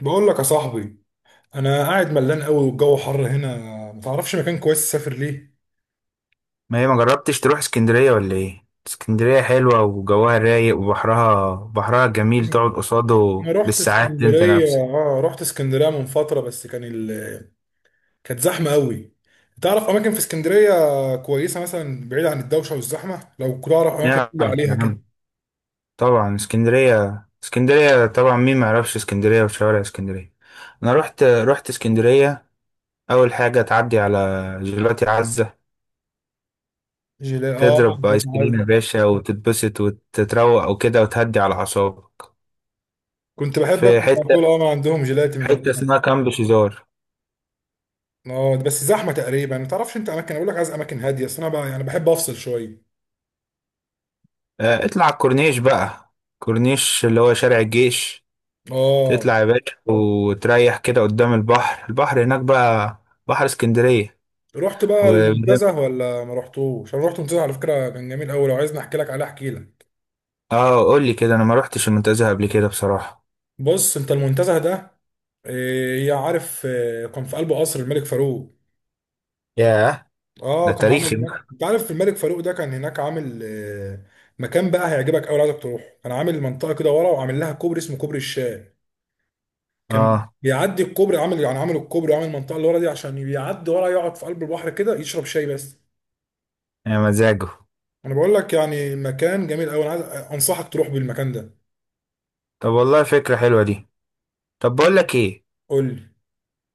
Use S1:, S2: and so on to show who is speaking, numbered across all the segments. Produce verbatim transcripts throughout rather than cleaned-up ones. S1: بقول لك يا صاحبي، انا قاعد ملان قوي والجو حر هنا. ما تعرفش مكان كويس اسافر ليه؟
S2: ما هي ما جربتش تروح اسكندرية ولا ايه؟ اسكندرية حلوة وجوها رايق وبحرها بحرها جميل، تقعد قصاده
S1: انا رحت
S2: بالساعات انت
S1: اسكندريه
S2: نفسك.
S1: اه رحت اسكندريه من فتره، بس كان ال... كانت زحمه قوي. تعرف اماكن في اسكندريه كويسه؟ مثلا بعيد عن الدوشه والزحمه، لو كنت اعرف اماكن
S2: نعم،
S1: تقول لي
S2: يا
S1: عليها كده.
S2: عم. طبعا، اسكندرية اسكندرية طبعا، مين ما يعرفش اسكندرية وشوارع اسكندرية. انا رحت رحت اسكندرية. اول حاجة تعدي على جيلاتي عزة،
S1: جيلاتي، اه،
S2: تضرب
S1: جيلاتي
S2: ايس كريم
S1: معز.
S2: يا باشا وتتبسط وتتروق وكده وتهدي على اعصابك.
S1: كنت بحب
S2: في
S1: اكل على طول.
S2: حتة
S1: اه، ما عندهم جيلاتي من
S2: حتة
S1: هناك.
S2: اسمها كامب شيزار.
S1: اه، بس زحمه تقريبا. ما تعرفش انت اماكن اقول لك؟ عايز اماكن هاديه، اصل انا بقى يعني بحب افصل شويه.
S2: آه، اطلع على الكورنيش بقى، كورنيش اللي هو شارع الجيش.
S1: اه،
S2: تطلع يا باشا وتريح كده قدام البحر البحر هناك بقى، بحر اسكندرية
S1: رحت بقى
S2: و...
S1: المنتزه ولا ما رحتوش؟ انا رحت المنتزه، على فكره كان جميل قوي. لو عايزني احكي لك عليه احكي لك.
S2: اه، قول لي كده، انا ما روحتش المنتزه قبل كده بصراحة.
S1: بص انت المنتزه ده، إيه، يا عارف إيه، كان في قلب قصر الملك فاروق.
S2: ياه، ده
S1: اه، كان عامل
S2: تاريخي
S1: هناك،
S2: بقى.
S1: انت عارف، الملك فاروق ده كان هناك عامل إيه، مكان بقى هيعجبك قوي، عايزك تروح. كان عامل منطقه كده ورا وعامل لها كوبري اسمه كوبري الشاي. كان
S2: اه،
S1: بيعدي الكوبري، عامل يعني عامل الكوبري وعامل المنطقه اللي ورا دي عشان بيعدي ورا يقعد في قلب البحر كده يشرب شاي بس.
S2: يا مزاجه.
S1: انا بقول لك يعني مكان جميل قوي. انا عايز انصحك تروح بالمكان ده.
S2: طب والله فكرة حلوة دي. طب بقول لك ايه،
S1: قول لي.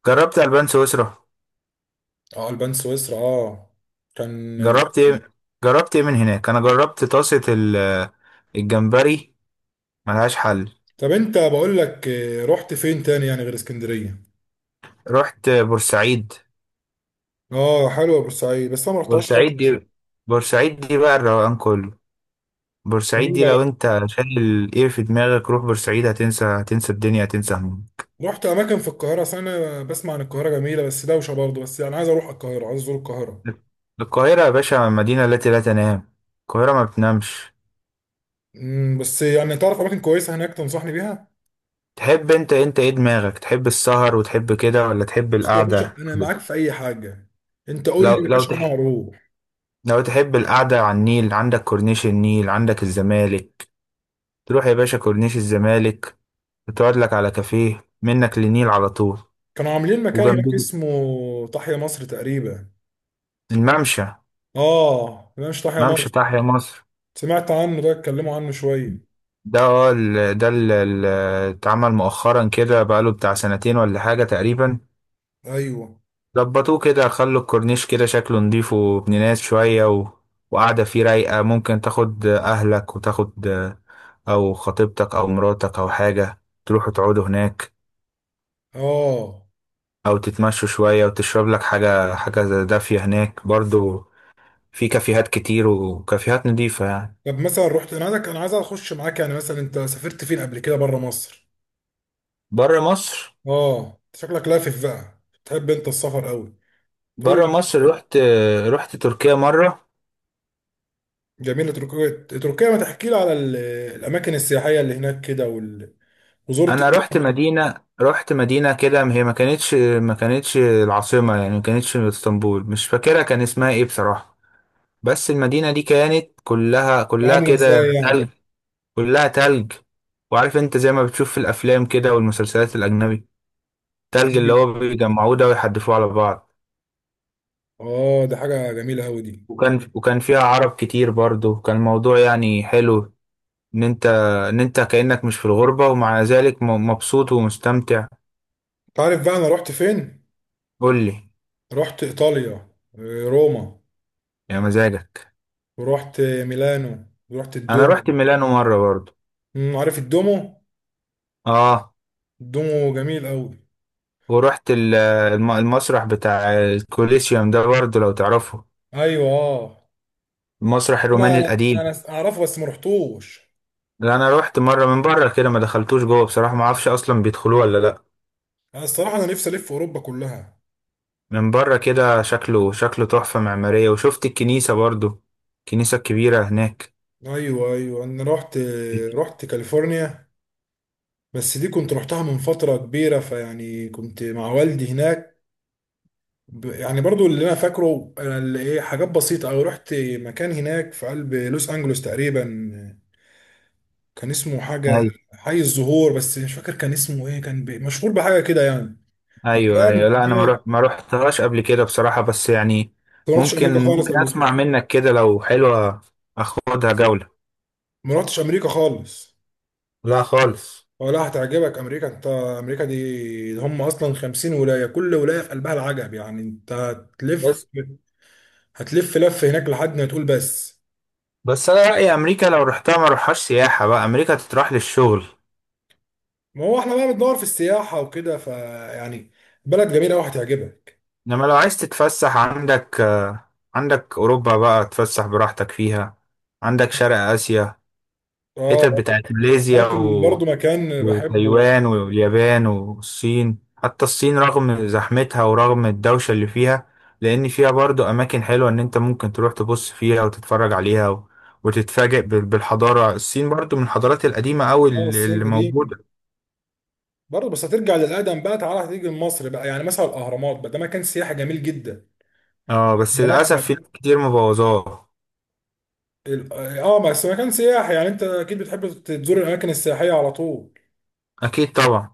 S2: جربت البان سويسرا؟
S1: اه، البان سويسرا، اه. كان.
S2: جربت ايه جربت ايه من هناك؟ انا جربت طاسة ال- الجمبري، ملهاش حل.
S1: طب انت بقول لك آه، رحت فين تاني يعني غير اسكندريه؟
S2: رحت بورسعيد.
S1: اه، حلوه بورسعيد، بس انا ما رحتهاش
S2: بورسعيد
S1: خالص.
S2: دي، بورسعيد دي بقى الروقان كله. بورسعيد
S1: جميله
S2: دي لو
S1: بقى.
S2: انت شايل ايه في دماغك، روح بورسعيد هتنسى هتنسى الدنيا، هتنسى هموم.
S1: رحت اماكن في القاهره؟ أصل انا بسمع عن القاهره جميله بس دوشه برضه، بس يعني عايز اروح القاهره، عايز ازور القاهره.
S2: القاهرة يا باشا مدينة التي لا تنام، القاهرة ما بتنامش.
S1: امم بس يعني تعرف اماكن كويسه هناك تنصحني بيها؟
S2: تحب انت انت ايه، دماغك تحب السهر وتحب كده، ولا تحب
S1: بص يا باشا،
S2: القعدة؟
S1: انا معاك في اي حاجه. انت قول
S2: لو
S1: لي يا
S2: لو
S1: باشا، انا
S2: تح...
S1: هروح.
S2: لو تحب القعدة على النيل، عندك كورنيش النيل، عندك الزمالك. تروح يا باشا كورنيش الزمالك وتقعد لك على كافيه منك للنيل على طول.
S1: كانوا عاملين مكان هناك
S2: وجنبيه
S1: اسمه تحيا مصر تقريبا.
S2: الممشى،
S1: اه لا، مش تحيا
S2: ممشى
S1: مصر.
S2: تحيا مصر.
S1: سمعت عنه، ده اتكلموا عنه شويه.
S2: ده هو ال- ده اللي اتعمل مؤخرا كده، بقاله بتاع سنتين ولا حاجة تقريبا.
S1: ايوه،
S2: ظبطوه كده، خلوا الكورنيش كده شكله نضيف وابن ناس شوية، و... وقاعدة فيه رايقة، ممكن تاخد أهلك وتاخد أو خطيبتك أو مراتك أو حاجة، تروحوا تقعدوا هناك
S1: اه.
S2: أو تتمشوا شوية وتشرب لك حاجة حاجة دافية هناك برضو، في كافيهات كتير وكافيهات نضيفة يعني.
S1: طب مثلا رحت، انا عايزك انا عايز اخش معاك، يعني مثلا انت سافرت فين قبل كده بره مصر؟
S2: بره مصر،
S1: اه، شكلك لافف بقى. تحب انت السفر قوي. تقول
S2: بره
S1: لي؟
S2: مصر رحت، رحت تركيا مرة.
S1: جميل تركيا، تركيا ما تحكي لي على ال- الاماكن السياحيه اللي هناك كده وال... وزرت ايه
S2: انا رحت
S1: يعني، كانت
S2: مدينه، رحت مدينه كده، هي ما كانتش ما كانتش العاصمه، يعني ما كانتش اسطنبول، مش فاكرها كان اسمها ايه بصراحه. بس المدينه دي كانت كلها كلها
S1: عامله
S2: كده
S1: ازاي يعني؟
S2: تلج، كلها تلج. وعارف انت زي ما بتشوف في الافلام كده والمسلسلات الاجنبي، التلج اللي
S1: أيوة.
S2: هو بيجمعوه ده ويحدفوه على بعض.
S1: اه، دي حاجه جميله قوي دي.
S2: وكان وكان فيها عرب كتير برضو، كان الموضوع يعني حلو. ان انت ان انت كانك مش في الغربه، ومع ذلك م- مبسوط ومستمتع.
S1: انت عارف بقى انا رحت فين؟
S2: قول لي.
S1: رحت ايطاليا. آه، روما.
S2: يا مزاجك.
S1: ورحت ميلانو ورحت
S2: انا
S1: الدومو.
S2: رحت ميلانو مره برضو.
S1: أمم، عارف الدومو؟
S2: اه.
S1: الدومو جميل قوي.
S2: ورحت ال- الم- المسرح بتاع الكوليسيوم ده برضو لو تعرفه،
S1: ايوه، آه.
S2: المسرح
S1: انا
S2: الروماني
S1: انا
S2: القديم.
S1: انا اعرفه بس ما رحتوش.
S2: لا، انا رحت مره من بره كده، ما دخلتوش جوه بصراحه، ما اعرفش اصلا بيدخلوه ولا لا.
S1: انا الصراحه، انا نفسي الف اوروبا كلها.
S2: من بره كده، شكله شكله تحفه معماريه، وشفت الكنيسه برضو، الكنيسه الكبيره هناك.
S1: ايوه، ايوه، انا رحت رحت كاليفورنيا. بس دي كنت رحتها من فتره كبيره، فيعني كنت مع والدي هناك. ب- يعني برضو اللي انا فاكره، انا اللي ايه حاجات بسيطه، او رحت مكان هناك في قلب لوس انجلوس تقريبا. كان اسمه حاجه
S2: ايوه،
S1: حي الزهور، بس مش فاكر كان اسمه ايه. كان ب- مشهور بحاجه كده يعني.
S2: ايوه،
S1: مكان
S2: ايوه. لا انا ما
S1: مكان-
S2: رحت ما رحتهاش قبل كده بصراحه، بس يعني
S1: ما رحتش
S2: ممكن
S1: امريكا خالص
S2: ممكن
S1: قبل
S2: اسمع
S1: كده.
S2: منك كده لو حلوه، اخدها جوله.
S1: ما رحتش امريكا خالص.
S2: لا خالص.
S1: اه لا، هتعجبك امريكا. انت امريكا دي ده هم اصلا خمسين ولايه، كل ولايه في قلبها العجب، يعني انت هتلف.
S2: بس
S1: هتلف لف هناك لحد ما تقول بس.
S2: بس انا رايي امريكا لو رحتها ما روحهاش سياحه، بقى امريكا تتراح للشغل.
S1: ما هو احنا بقى بندور في السياحه وكده، فيعني بلد جميله قوي هتعجبك.
S2: انما لو عايز تتفسح، عندك آه، عندك اوروبا بقى تتفسح براحتك فيها، عندك شرق اسيا،
S1: اه،
S2: حتت
S1: آه.
S2: بتاعت ماليزيا
S1: عارف ال-
S2: و...
S1: برضه مكان بحبه يعني.
S2: وتايوان واليابان والصين. حتى الصين رغم زحمتها ورغم الدوشه اللي فيها، لان فيها برضو اماكن حلوه، ان انت ممكن تروح تبص فيها وتتفرج عليها، و... وتتفاجئ بال- بالحضاره. الصين برضو من الحضارات القديمه قوي
S1: اه،
S2: اللي
S1: الصين
S2: اللي
S1: القديم
S2: موجوده.
S1: برضه. بس هترجع للادم بقى، تعالى هتيجي لمصر بقى، يعني مثلا الاهرامات بقى، ده مكان سياحي جميل جدا.
S2: اه، بس
S1: الاهرامات
S2: للأسف في
S1: على
S2: ناس كتير مبوظاه.
S1: ال- اه، بس مكان سياحي، يعني انت اكيد بتحب تزور الاماكن السياحيه على طول.
S2: أكيد طبعا.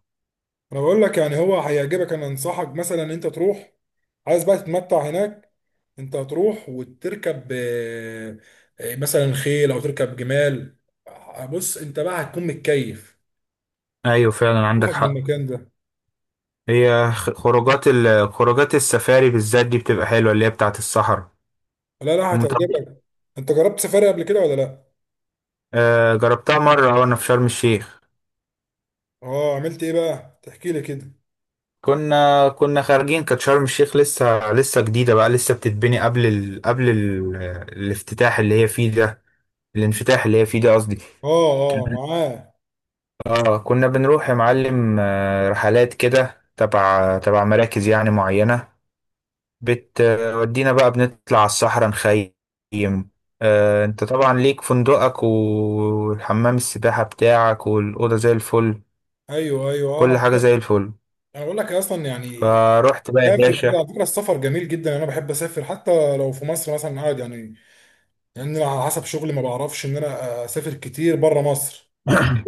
S1: انا بقول لك يعني هو هيعجبك. انا انصحك مثلا انت تروح. عايز بقى تتمتع هناك. انت هتروح وتركب، آه، آه، مثلا خيل او تركب جمال. بص انت بقى هتكون متكيف
S2: أيوة فعلا، عندك
S1: روحك
S2: حق.
S1: بالمكان ده.
S2: هي خ- خروجات ال... خروجات السفاري بالذات دي بتبقى حلوة، اللي هي بتاعة الصحراء
S1: لا، لا،
S2: ومطب-
S1: هتعجبك. انت جربت سفاري قبل كده ولا لا؟
S2: آه، جربتها مرة وأنا في شرم الشيخ.
S1: اه، عملت ايه بقى تحكي لي كده.
S2: كنا كنا خارجين، كانت شرم الشيخ لسه لسه جديدة، بقى لسه بتتبني قبل ال... قبل ال... الافتتاح اللي هي فيه ده، الانفتاح اللي هي فيه ده قصدي.
S1: اه، اه،
S2: كان-
S1: معاه.
S2: اه، كنا بنروح يا معلم، آه، رحلات كده تبع تبع مراكز يعني معينة، بتودينا بقى بنطلع على الصحراء نخيم. آه، انت طبعا ليك فندقك والحمام السباحة بتاعك والأوضة زي الفل،
S1: ايوه، ايوه، آه، انا
S2: كل
S1: بقول
S2: حاجة
S1: لك
S2: زي الفل.
S1: انا بقول لك اصلا يعني.
S2: فروحت بقى يا
S1: سافر كده
S2: باشا
S1: على فكره، السفر جميل جدا. انا بحب اسافر حتى لو في مصر مثلا قاعد يعني. لان انا على حسب شغلي ما بعرفش ان انا اسافر كتير بره مصر.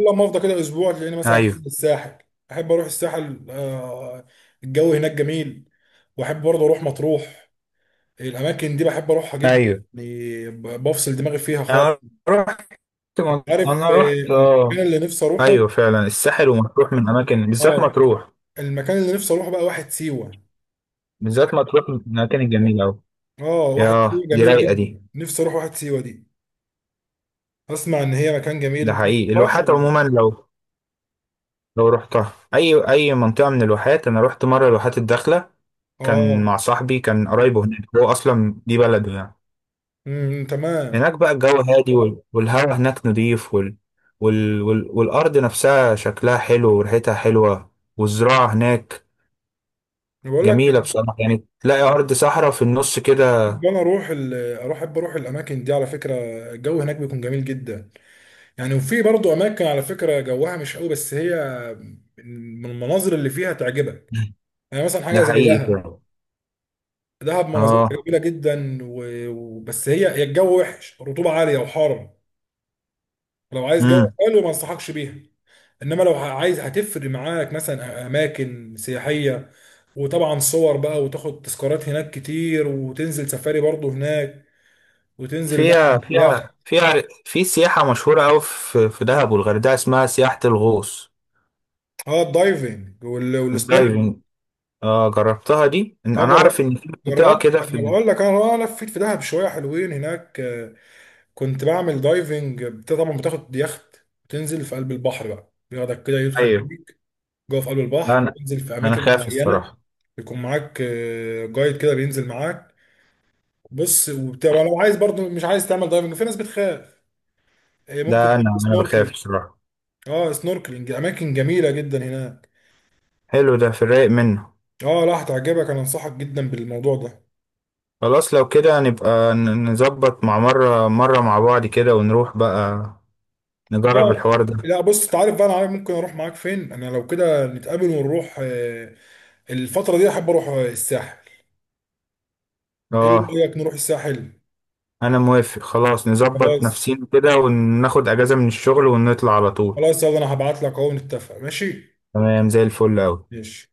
S1: الا لما افضى كده اسبوع تلاقيني مثلا
S2: ايوه،
S1: نازل الساحل. احب اروح الساحل. آه، الجو هناك جميل. واحب برضه اروح مطروح. الاماكن دي بحب اروحها جدا.
S2: ايوه،
S1: يعني ب- بفصل دماغي فيها خالص.
S2: انا رحت،
S1: كنت عارف
S2: انا رحت،
S1: آه،
S2: اه،
S1: المكان اللي نفسي اروحه.
S2: ايوه فعلا، الساحل ومطروح من اماكن، بالذات
S1: اه،
S2: مطروح،
S1: المكان اللي نفسي اروحه بقى واحد سيوه.
S2: بالذات مطروح من الاماكن الجميله قوي.
S1: اه، واحد
S2: ياه،
S1: سيوه
S2: دي
S1: جميله
S2: رايقه
S1: جدا،
S2: دي.
S1: نفسي اروح واحد سيوه دي. اسمع ان هي مكان جميل،
S2: ده
S1: انت ما
S2: حقيقي،
S1: بتروحهاش
S2: الواحات
S1: ولا؟
S2: عموما، لو لو رحتها اي اي منطقه من الواحات، انا رحت مره الواحات الداخله، كان مع
S1: اه.
S2: صاحبي، كان قرايبه هناك، هو اصلا دي بلده يعني.
S1: امم تمام.
S2: هناك بقى الجو هادي، وال- والهواء هناك نضيف، وال... وال... وال... والارض نفسها شكلها حلو وريحتها حلوه، والزراعه هناك
S1: أنا بقول لك.
S2: جميله بصراحه، يعني تلاقي ارض صحراء في النص كده.
S1: بحب انا اروح ال- اروح احب اروح الاماكن دي على فكره. الجو هناك بيكون جميل جدا. يعني وفي برضو اماكن على فكره جوها مش قوي، بس هي من المناظر اللي فيها تعجبك. يعني مثلا
S2: ده
S1: حاجه زي
S2: حقيقي
S1: دهب.
S2: فعلا.
S1: دهب مناظرها
S2: اه
S1: جميله جدا و- وبس، هي هي الجو وحش، رطوبه عاليه وحر. لو عايز جو
S2: امم
S1: حلو ما انصحكش بيها. انما لو عايز هتفرق معاك، مثلا اماكن سياحيه، وطبعا صور بقى وتاخد تذكارات هناك كتير، وتنزل سفاري برضو هناك، وتنزل بقى
S2: فيها،
S1: باليخت.
S2: فيها فيها في سياحه مشهوره قوي في في دهب والغردقه، اسمها سياحه الغوص،
S1: اه، الدايفنج وال- والسنوركل.
S2: الدايفنج. اه جربتها دي، إن-
S1: اه،
S2: انا اعرف
S1: جربت.
S2: ان في منطقه
S1: جربت
S2: كده في
S1: انا
S2: ال...
S1: بقول لك، انا انا لفيت في دهب شويه حلوين هناك. آه، كنت بعمل دايفنج، بت- طبعا بتاخد يخت وتنزل في قلب البحر بقى، بياخدك كده يدخل
S2: ايوه.
S1: بيك جوه في قلب
S2: لا،
S1: البحر،
S2: انا،
S1: تنزل في
S2: انا
S1: اماكن
S2: خايف
S1: معينه.
S2: الصراحه،
S1: يكون معاك آه، جايد كده بينزل معاك. بص، وبتبقى لو عايز برضو مش عايز تعمل دايفنج، في ناس بتخاف، آه،
S2: ده
S1: ممكن
S2: انا
S1: تعمل
S2: انا بخاف
S1: سنوركلينج.
S2: الصراحه.
S1: اه، سنوركلينج اماكن جميله جدا هناك.
S2: حلو ده، في الرايق منه.
S1: اه لا، هتعجبك، انا انصحك جدا بالموضوع ده.
S2: خلاص لو كده نبقى ن- نظبط مع مره مره مع بعض كده ونروح بقى نجرب
S1: اه
S2: الحوار ده.
S1: لا، بص انت عارف بقى، انا عارف ممكن اروح معاك فين. انا لو كده نتقابل ونروح. آه، الفتره دي احب اروح آه، الساحل. ايه
S2: اه.
S1: رايك نروح الساحل؟
S2: انا موافق، خلاص نظبط
S1: خلاص.
S2: نفسينا كده وناخد اجازه من الشغل ونطلع على طول.
S1: خلاص يلا، انا هبعت لك اهو، نتفق ماشي.
S2: تمام زي الفل اوي.
S1: ماشي.